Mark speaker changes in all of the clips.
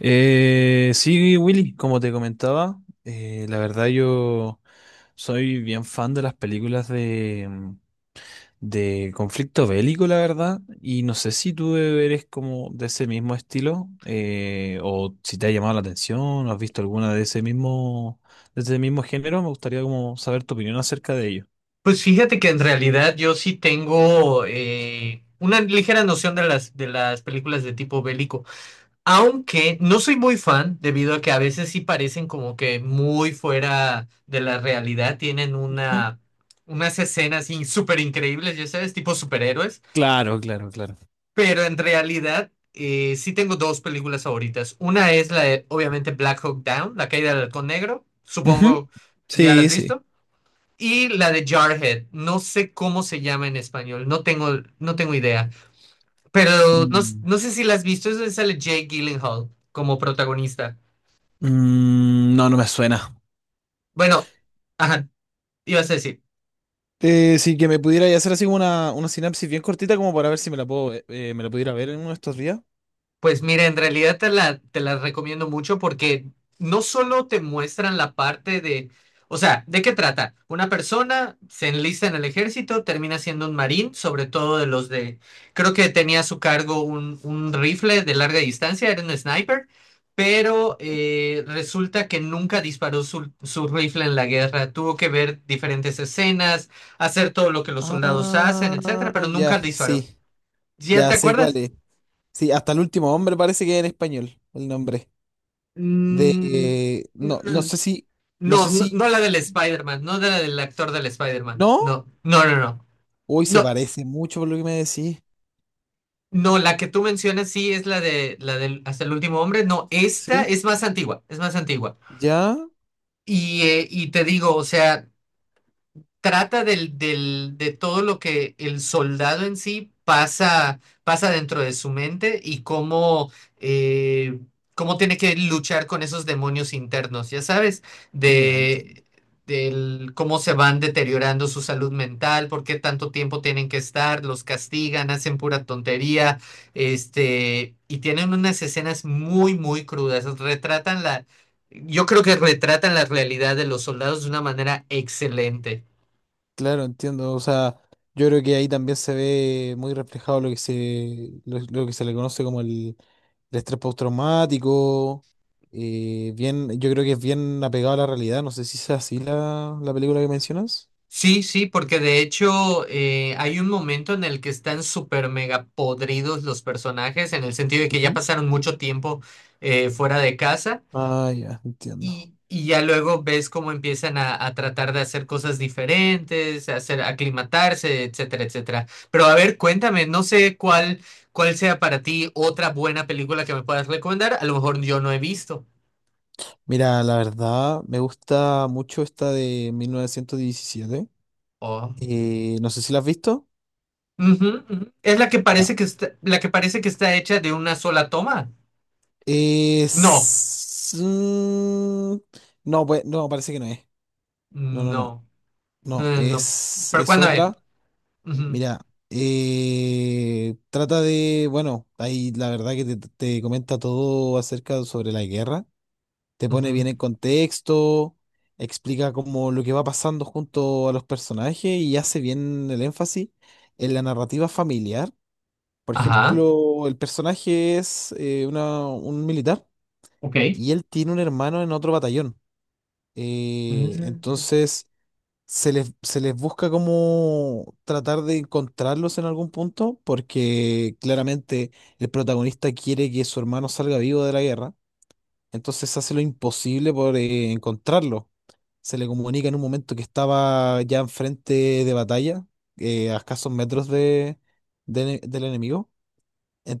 Speaker 1: Sí, Willy, como te comentaba, la verdad yo soy bien fan de las películas de de conflicto bélico, la verdad, y no sé si tú eres como de ese mismo estilo, o si te ha llamado la atención, o has visto alguna de ese mismo género, me gustaría como saber tu opinión acerca de ello.
Speaker 2: Pues fíjate que en realidad yo sí tengo una ligera noción de las películas de tipo bélico, aunque no soy muy fan debido a que a veces sí parecen como que muy fuera de la realidad, tienen
Speaker 1: Ujú.
Speaker 2: una, unas escenas súper increíbles, ya sabes, tipo superhéroes,
Speaker 1: Claro, claro, claro.
Speaker 2: pero en realidad sí tengo dos películas favoritas. Una es la de, obviamente, Black Hawk Down, La caída del halcón negro,
Speaker 1: Ujú,
Speaker 2: supongo ya la has
Speaker 1: sí, sí.
Speaker 2: visto, y la de Jarhead. No sé cómo se llama en español, no tengo idea. Pero no,
Speaker 1: Mm.
Speaker 2: no sé si la has visto, es donde sale Jake Gyllenhaal como protagonista.
Speaker 1: Mm, no, no me suena.
Speaker 2: Bueno, ajá, ibas a decir.
Speaker 1: Sí, que me pudiera hacer así como una sinapsis bien cortita como para ver si me la puedo, me la pudiera ver en uno de estos días.
Speaker 2: Pues mira, en realidad te la recomiendo mucho porque no solo te muestran la parte de, o sea, ¿de qué trata? Una persona se enlista en el ejército, termina siendo un marín, sobre todo de los de, creo que tenía a su cargo un rifle de larga distancia, era un sniper, pero resulta que nunca disparó su rifle en la guerra, tuvo que ver diferentes escenas, hacer todo lo que los soldados hacen, etcétera,
Speaker 1: Ah,
Speaker 2: pero
Speaker 1: ya,
Speaker 2: nunca disparó.
Speaker 1: sí,
Speaker 2: ¿Ya
Speaker 1: ya
Speaker 2: te
Speaker 1: sé cuál
Speaker 2: acuerdas?
Speaker 1: es. Sí, hasta el último hombre parece que es en español el nombre.
Speaker 2: Mm,
Speaker 1: No,
Speaker 2: no,
Speaker 1: no sé si, no sé si,
Speaker 2: no la del Spider-Man, no de la del actor del Spider-Man.
Speaker 1: ¿no?
Speaker 2: No, no, no, no.
Speaker 1: Uy, se
Speaker 2: No,
Speaker 1: parece mucho por lo que me decís.
Speaker 2: no, la que tú mencionas sí es la de la del Hasta el último hombre. No, esta
Speaker 1: ¿Sí?
Speaker 2: es más antigua, es más antigua.
Speaker 1: Ya,
Speaker 2: Y te digo, o sea, trata de todo lo que el soldado en sí pasa, pasa dentro de su mente y cómo, eh, cómo tiene que luchar con esos demonios internos, ya sabes,
Speaker 1: ya.
Speaker 2: de, del cómo se van deteriorando su salud mental, por qué tanto tiempo tienen que estar, los castigan, hacen pura tontería, este, y tienen unas escenas muy, muy crudas, retratan la... Yo creo que retratan la realidad de los soldados de una manera excelente.
Speaker 1: Claro, entiendo. O sea, yo creo que ahí también se ve muy reflejado lo que se, lo que se le conoce como el estrés postraumático. Bien, yo creo que es bien apegado a la realidad. No sé si es así la, la película que mencionas.
Speaker 2: Sí, sí, porque de hecho hay un momento en el que están súper mega podridos los personajes, en el sentido de que ya
Speaker 1: Ujú.
Speaker 2: pasaron mucho tiempo fuera de casa
Speaker 1: Ah, ya, entiendo.
Speaker 2: y ya luego ves cómo empiezan a tratar de hacer cosas diferentes, a hacer, aclimatarse, etcétera, etcétera. Pero a ver, cuéntame, no sé cuál, cuál sea para ti otra buena película que me puedas recomendar, a lo mejor yo no he visto.
Speaker 1: Mira, la verdad, me gusta mucho esta de 1917.
Speaker 2: Oh.
Speaker 1: No sé si la has visto.
Speaker 2: Ujú, ujú. Es la que
Speaker 1: Ya.
Speaker 2: parece que está, la que parece que está hecha de una sola toma. No.
Speaker 1: Es... no, pues, no, parece que no es. No, no, no.
Speaker 2: No,
Speaker 1: No,
Speaker 2: no, no, no. ¿Pero
Speaker 1: es
Speaker 2: cuando es?
Speaker 1: otra.
Speaker 2: Ujú,
Speaker 1: Mira, trata de, bueno, ahí la verdad que te comenta todo acerca sobre la guerra, te pone
Speaker 2: ujú.
Speaker 1: bien en contexto, explica como lo que va pasando junto a los personajes y hace bien el énfasis en la narrativa familiar. Por
Speaker 2: Ajá,
Speaker 1: ejemplo, el personaje es un militar
Speaker 2: ok.
Speaker 1: y él tiene un hermano en otro batallón.
Speaker 2: Mm.
Speaker 1: Entonces... se les busca como tratar de encontrarlos en algún punto, porque claramente el protagonista quiere que su hermano salga vivo de la guerra, entonces hace lo imposible por encontrarlo. Se le comunica en un momento que estaba ya enfrente de batalla, a escasos metros del enemigo.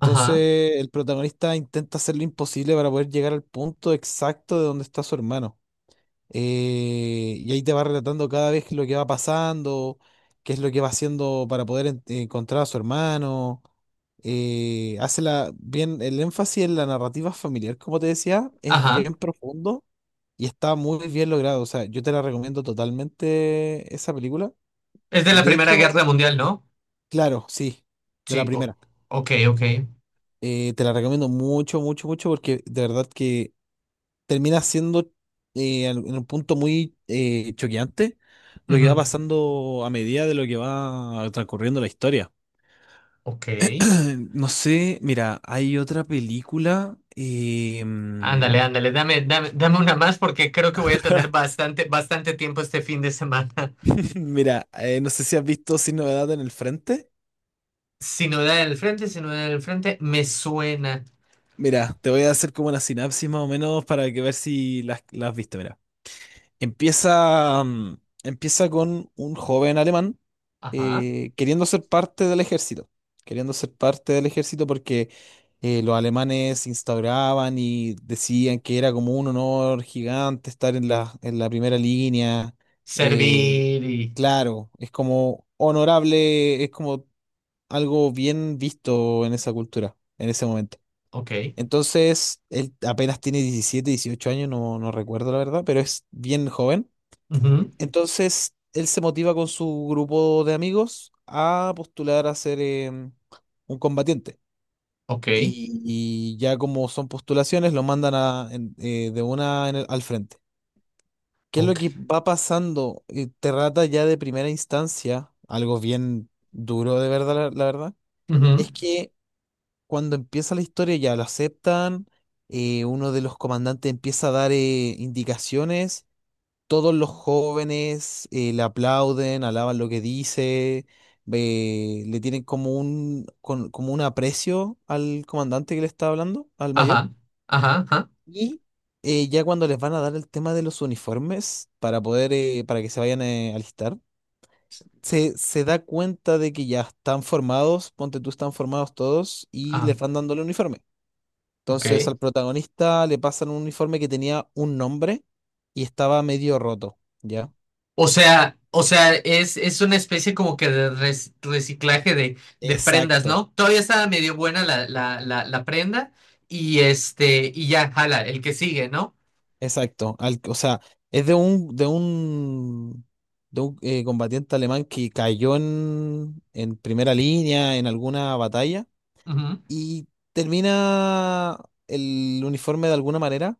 Speaker 2: Ajá,
Speaker 1: el protagonista intenta hacer lo imposible para poder llegar al punto exacto de donde está su hermano y ahí te va relatando cada vez lo que va pasando, qué es lo que va haciendo para poder encontrar a su hermano. Hace la, bien el énfasis en la narrativa familiar, como te decía, es
Speaker 2: ajá.
Speaker 1: bien profundo y está muy bien logrado. O sea, yo te la recomiendo totalmente esa película.
Speaker 2: Es de la
Speaker 1: De
Speaker 2: Primera Guerra
Speaker 1: hecho,
Speaker 2: Mundial, ¿no?
Speaker 1: claro, sí, de la
Speaker 2: Sí, o-
Speaker 1: primera.
Speaker 2: ok, ok.
Speaker 1: Te la recomiendo mucho, mucho, mucho porque de verdad que termina siendo en un punto muy choqueante lo
Speaker 2: Ujú,
Speaker 1: que va pasando a medida de lo que va transcurriendo la historia.
Speaker 2: ok.
Speaker 1: No sé, mira, hay otra película.
Speaker 2: Ándale, ándale, dame, dame, dame una más porque creo que voy a tener bastante, bastante tiempo este fin de semana.
Speaker 1: Mira, no sé si has visto Sin Novedad en el Frente.
Speaker 2: Sinodal en el frente, sinodal en el frente, me suena.
Speaker 1: Mira, te voy a hacer como una sinapsis más o menos para que ver si las, las viste, mira. Empieza, mm, empieza con un joven alemán
Speaker 2: Ajá.
Speaker 1: queriendo ser parte del ejército, queriendo ser parte del ejército porque los alemanes instauraban y decían que era como un honor gigante estar en la primera línea. Eh,
Speaker 2: Servir y...
Speaker 1: claro, es como honorable, es como algo bien visto en esa cultura, en ese momento.
Speaker 2: Ok.
Speaker 1: Entonces, él apenas tiene 17 18 años, no, no recuerdo la verdad, pero es bien joven
Speaker 2: Ujú,
Speaker 1: entonces, él se motiva con su grupo de amigos a postular a ser un combatiente.
Speaker 2: ok.
Speaker 1: Y, y ya como son postulaciones, lo mandan de una al frente. ¿Qué es lo
Speaker 2: Ok.
Speaker 1: que va pasando? Te rata ya de primera instancia, algo bien duro de verdad, la verdad,
Speaker 2: Ujú,
Speaker 1: es que cuando empieza la historia ya lo aceptan, uno de los comandantes empieza a dar indicaciones todos los jóvenes le aplauden, alaban lo que dice, le tienen como como un aprecio al comandante que le está hablando, al mayor.
Speaker 2: ajá. Ajá. Ajá.
Speaker 1: Y ya cuando les van a dar el tema de los uniformes para poder, para que se vayan a alistar, se da cuenta de que ya están formados, ponte tú, están formados todos y
Speaker 2: Ah,
Speaker 1: les van dando el uniforme. Entonces
Speaker 2: ok.
Speaker 1: al protagonista le pasan un uniforme que tenía un nombre y estaba medio roto, ¿ya?
Speaker 2: O sea, es una especie como que de reciclaje de prendas,
Speaker 1: Exacto.
Speaker 2: ¿no? Todavía estaba medio buena la prenda y este, y ya, jala, el que sigue, ¿no?
Speaker 1: Exacto, al- o sea, es de un combatiente alemán que cayó en primera línea en alguna batalla
Speaker 2: Ujú.
Speaker 1: y termina el uniforme de alguna manera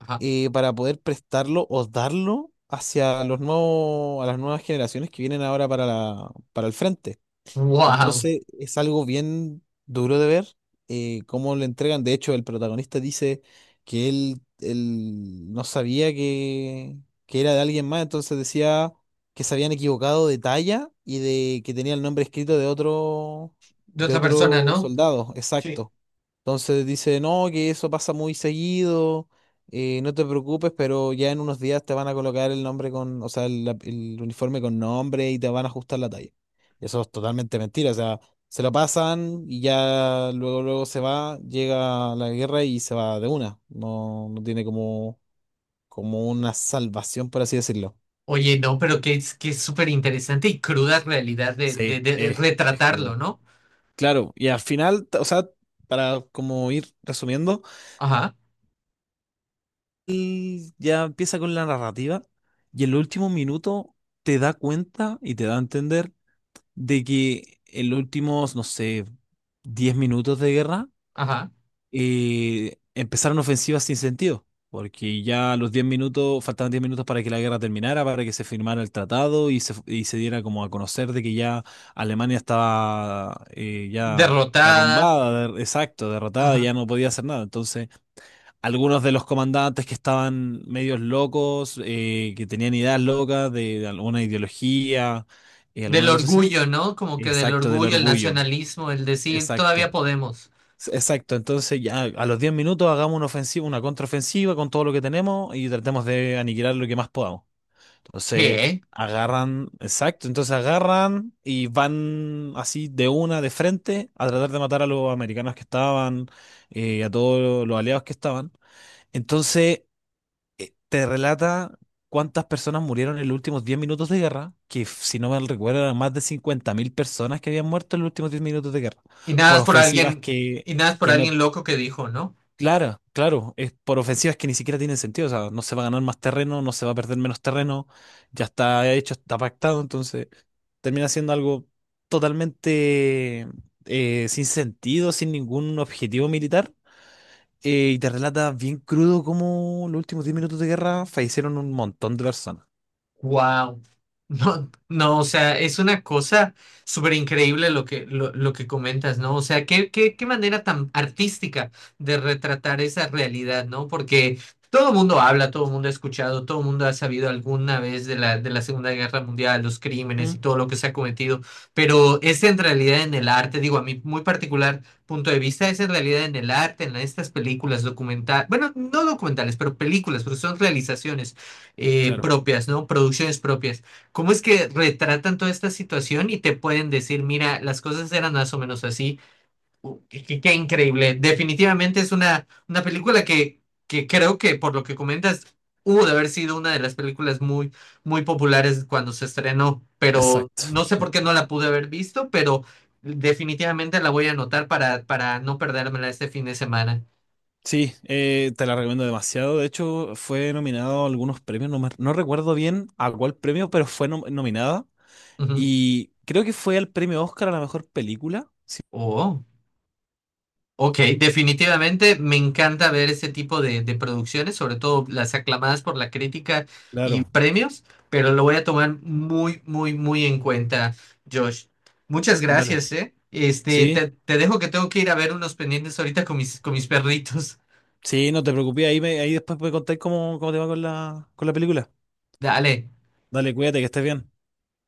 Speaker 2: Ajá.
Speaker 1: para poder prestarlo o darlo hacia los nuevos, a las nuevas generaciones que vienen ahora para la, para el frente.
Speaker 2: Wow.
Speaker 1: Entonces es algo bien duro de ver cómo le entregan. De hecho, el protagonista dice que él no sabía que era de alguien más, entonces decía que se habían equivocado de talla y de que tenía el nombre escrito
Speaker 2: De
Speaker 1: de
Speaker 2: otra persona,
Speaker 1: otro
Speaker 2: ¿no?
Speaker 1: soldado,
Speaker 2: Sí.
Speaker 1: exacto. Entonces dice, no, que eso pasa muy seguido, no te preocupes, pero ya en unos días te van a colocar el nombre con, o sea, el uniforme con nombre y te van a ajustar la talla. Y eso es totalmente mentira, o sea, se lo pasan y ya luego, luego se va, llega la guerra y se va de una. No, no tiene como, como una salvación, por así decirlo.
Speaker 2: Oye, no, pero que es súper interesante y cruda realidad de,
Speaker 1: Sí,
Speaker 2: de
Speaker 1: es
Speaker 2: retratarlo,
Speaker 1: cruda.
Speaker 2: ¿no?
Speaker 1: Claro, y al final, t- o sea, para como ir resumiendo.
Speaker 2: Ajá,
Speaker 1: Él ya empieza con la narrativa y en los últimos minutos te da cuenta y te da a entender de que en los últimos, no sé, 10 minutos de guerra
Speaker 2: ajá.
Speaker 1: empezaron ofensivas sin sentido, porque ya a los 10 minutos, faltaban 10 minutos para que la guerra terminara, para que se firmara el tratado y se diera como a conocer de que ya Alemania estaba ya
Speaker 2: Derrotada,
Speaker 1: derrumbada, exacto, derrotada,
Speaker 2: ajá.
Speaker 1: ya no podía hacer nada. Entonces algunos de los comandantes que estaban medios locos, que tenían ideas locas de alguna ideología,
Speaker 2: Del
Speaker 1: alguna cosa así.
Speaker 2: orgullo, ¿no? Como que del
Speaker 1: Exacto, del
Speaker 2: orgullo, el
Speaker 1: orgullo.
Speaker 2: nacionalismo, el decir,
Speaker 1: Exacto.
Speaker 2: todavía podemos.
Speaker 1: Exacto. Entonces, ya a los 10 minutos hagamos una ofensiva, una contraofensiva con todo lo que tenemos y tratemos de aniquilar lo que más podamos. Entonces,
Speaker 2: ¿Qué?
Speaker 1: agarran, exacto. Entonces, agarran y van así de una, de frente, a tratar de matar a los americanos que estaban, a todos los aliados que estaban. Entonces, te relata cuántas personas murieron en los últimos 10 minutos de guerra, que si no me recuerdo eran más de 50.000 personas que habían muerto en los últimos 10 minutos de guerra,
Speaker 2: Y nada
Speaker 1: por
Speaker 2: es por
Speaker 1: ofensivas
Speaker 2: alguien, y nada es por
Speaker 1: que no,
Speaker 2: alguien loco que dijo, ¿no?
Speaker 1: claro, claro, es por ofensivas que ni siquiera tienen sentido, o sea, no se va a ganar más terreno, no se va a perder menos terreno, ya está hecho, está pactado, entonces termina siendo algo totalmente sin sentido, sin ningún objetivo militar y te relata bien crudo cómo los últimos 10 minutos de guerra fallecieron un montón de personas.
Speaker 2: Wow. No, no, o sea, es una cosa súper increíble lo que comentas, ¿no? O sea, qué, qué, qué manera tan artística de retratar esa realidad, ¿no? Porque todo el mundo habla, todo el mundo ha escuchado, todo el mundo ha sabido alguna vez de la Segunda Guerra Mundial, los crímenes y
Speaker 1: Mm,
Speaker 2: todo lo que se ha cometido, pero es en realidad en el arte, digo, a mi muy particular punto de vista, es en realidad en el arte, en estas películas documentales, bueno, no documentales, pero películas, porque son realizaciones
Speaker 1: claro,
Speaker 2: propias, ¿no? Producciones propias. ¿Cómo es que retratan toda esta situación y te pueden decir, mira, las cosas eran más o menos así? Qué, qué increíble. Definitivamente es una película que creo que por lo que comentas, hubo de haber sido una de las películas muy, muy populares cuando se estrenó, pero
Speaker 1: exacto.
Speaker 2: no sé
Speaker 1: Eh,
Speaker 2: por qué no la pude haber visto, pero definitivamente la voy a anotar para no perdérmela este fin de semana.
Speaker 1: Sí, te la recomiendo demasiado. De hecho, fue nominado a algunos premios, no, no recuerdo bien a cuál premio, pero fue nominada.
Speaker 2: Ujú.
Speaker 1: Y creo que fue al premio Oscar a la mejor película. Sí,
Speaker 2: Oh. Ok, definitivamente me encanta ver ese tipo de producciones, sobre todo las aclamadas por la crítica y
Speaker 1: claro,
Speaker 2: premios, pero lo voy a tomar muy, muy, muy en cuenta, Josh. Muchas
Speaker 1: dale.
Speaker 2: gracias, ¿eh? Este,
Speaker 1: Sí,
Speaker 2: te dejo que tengo que ir a ver unos pendientes ahorita con mis perritos.
Speaker 1: sí, no te preocupes, ahí, ahí después me contáis cómo, cómo te va con la película.
Speaker 2: Dale.
Speaker 1: Dale, cuídate, que estés bien.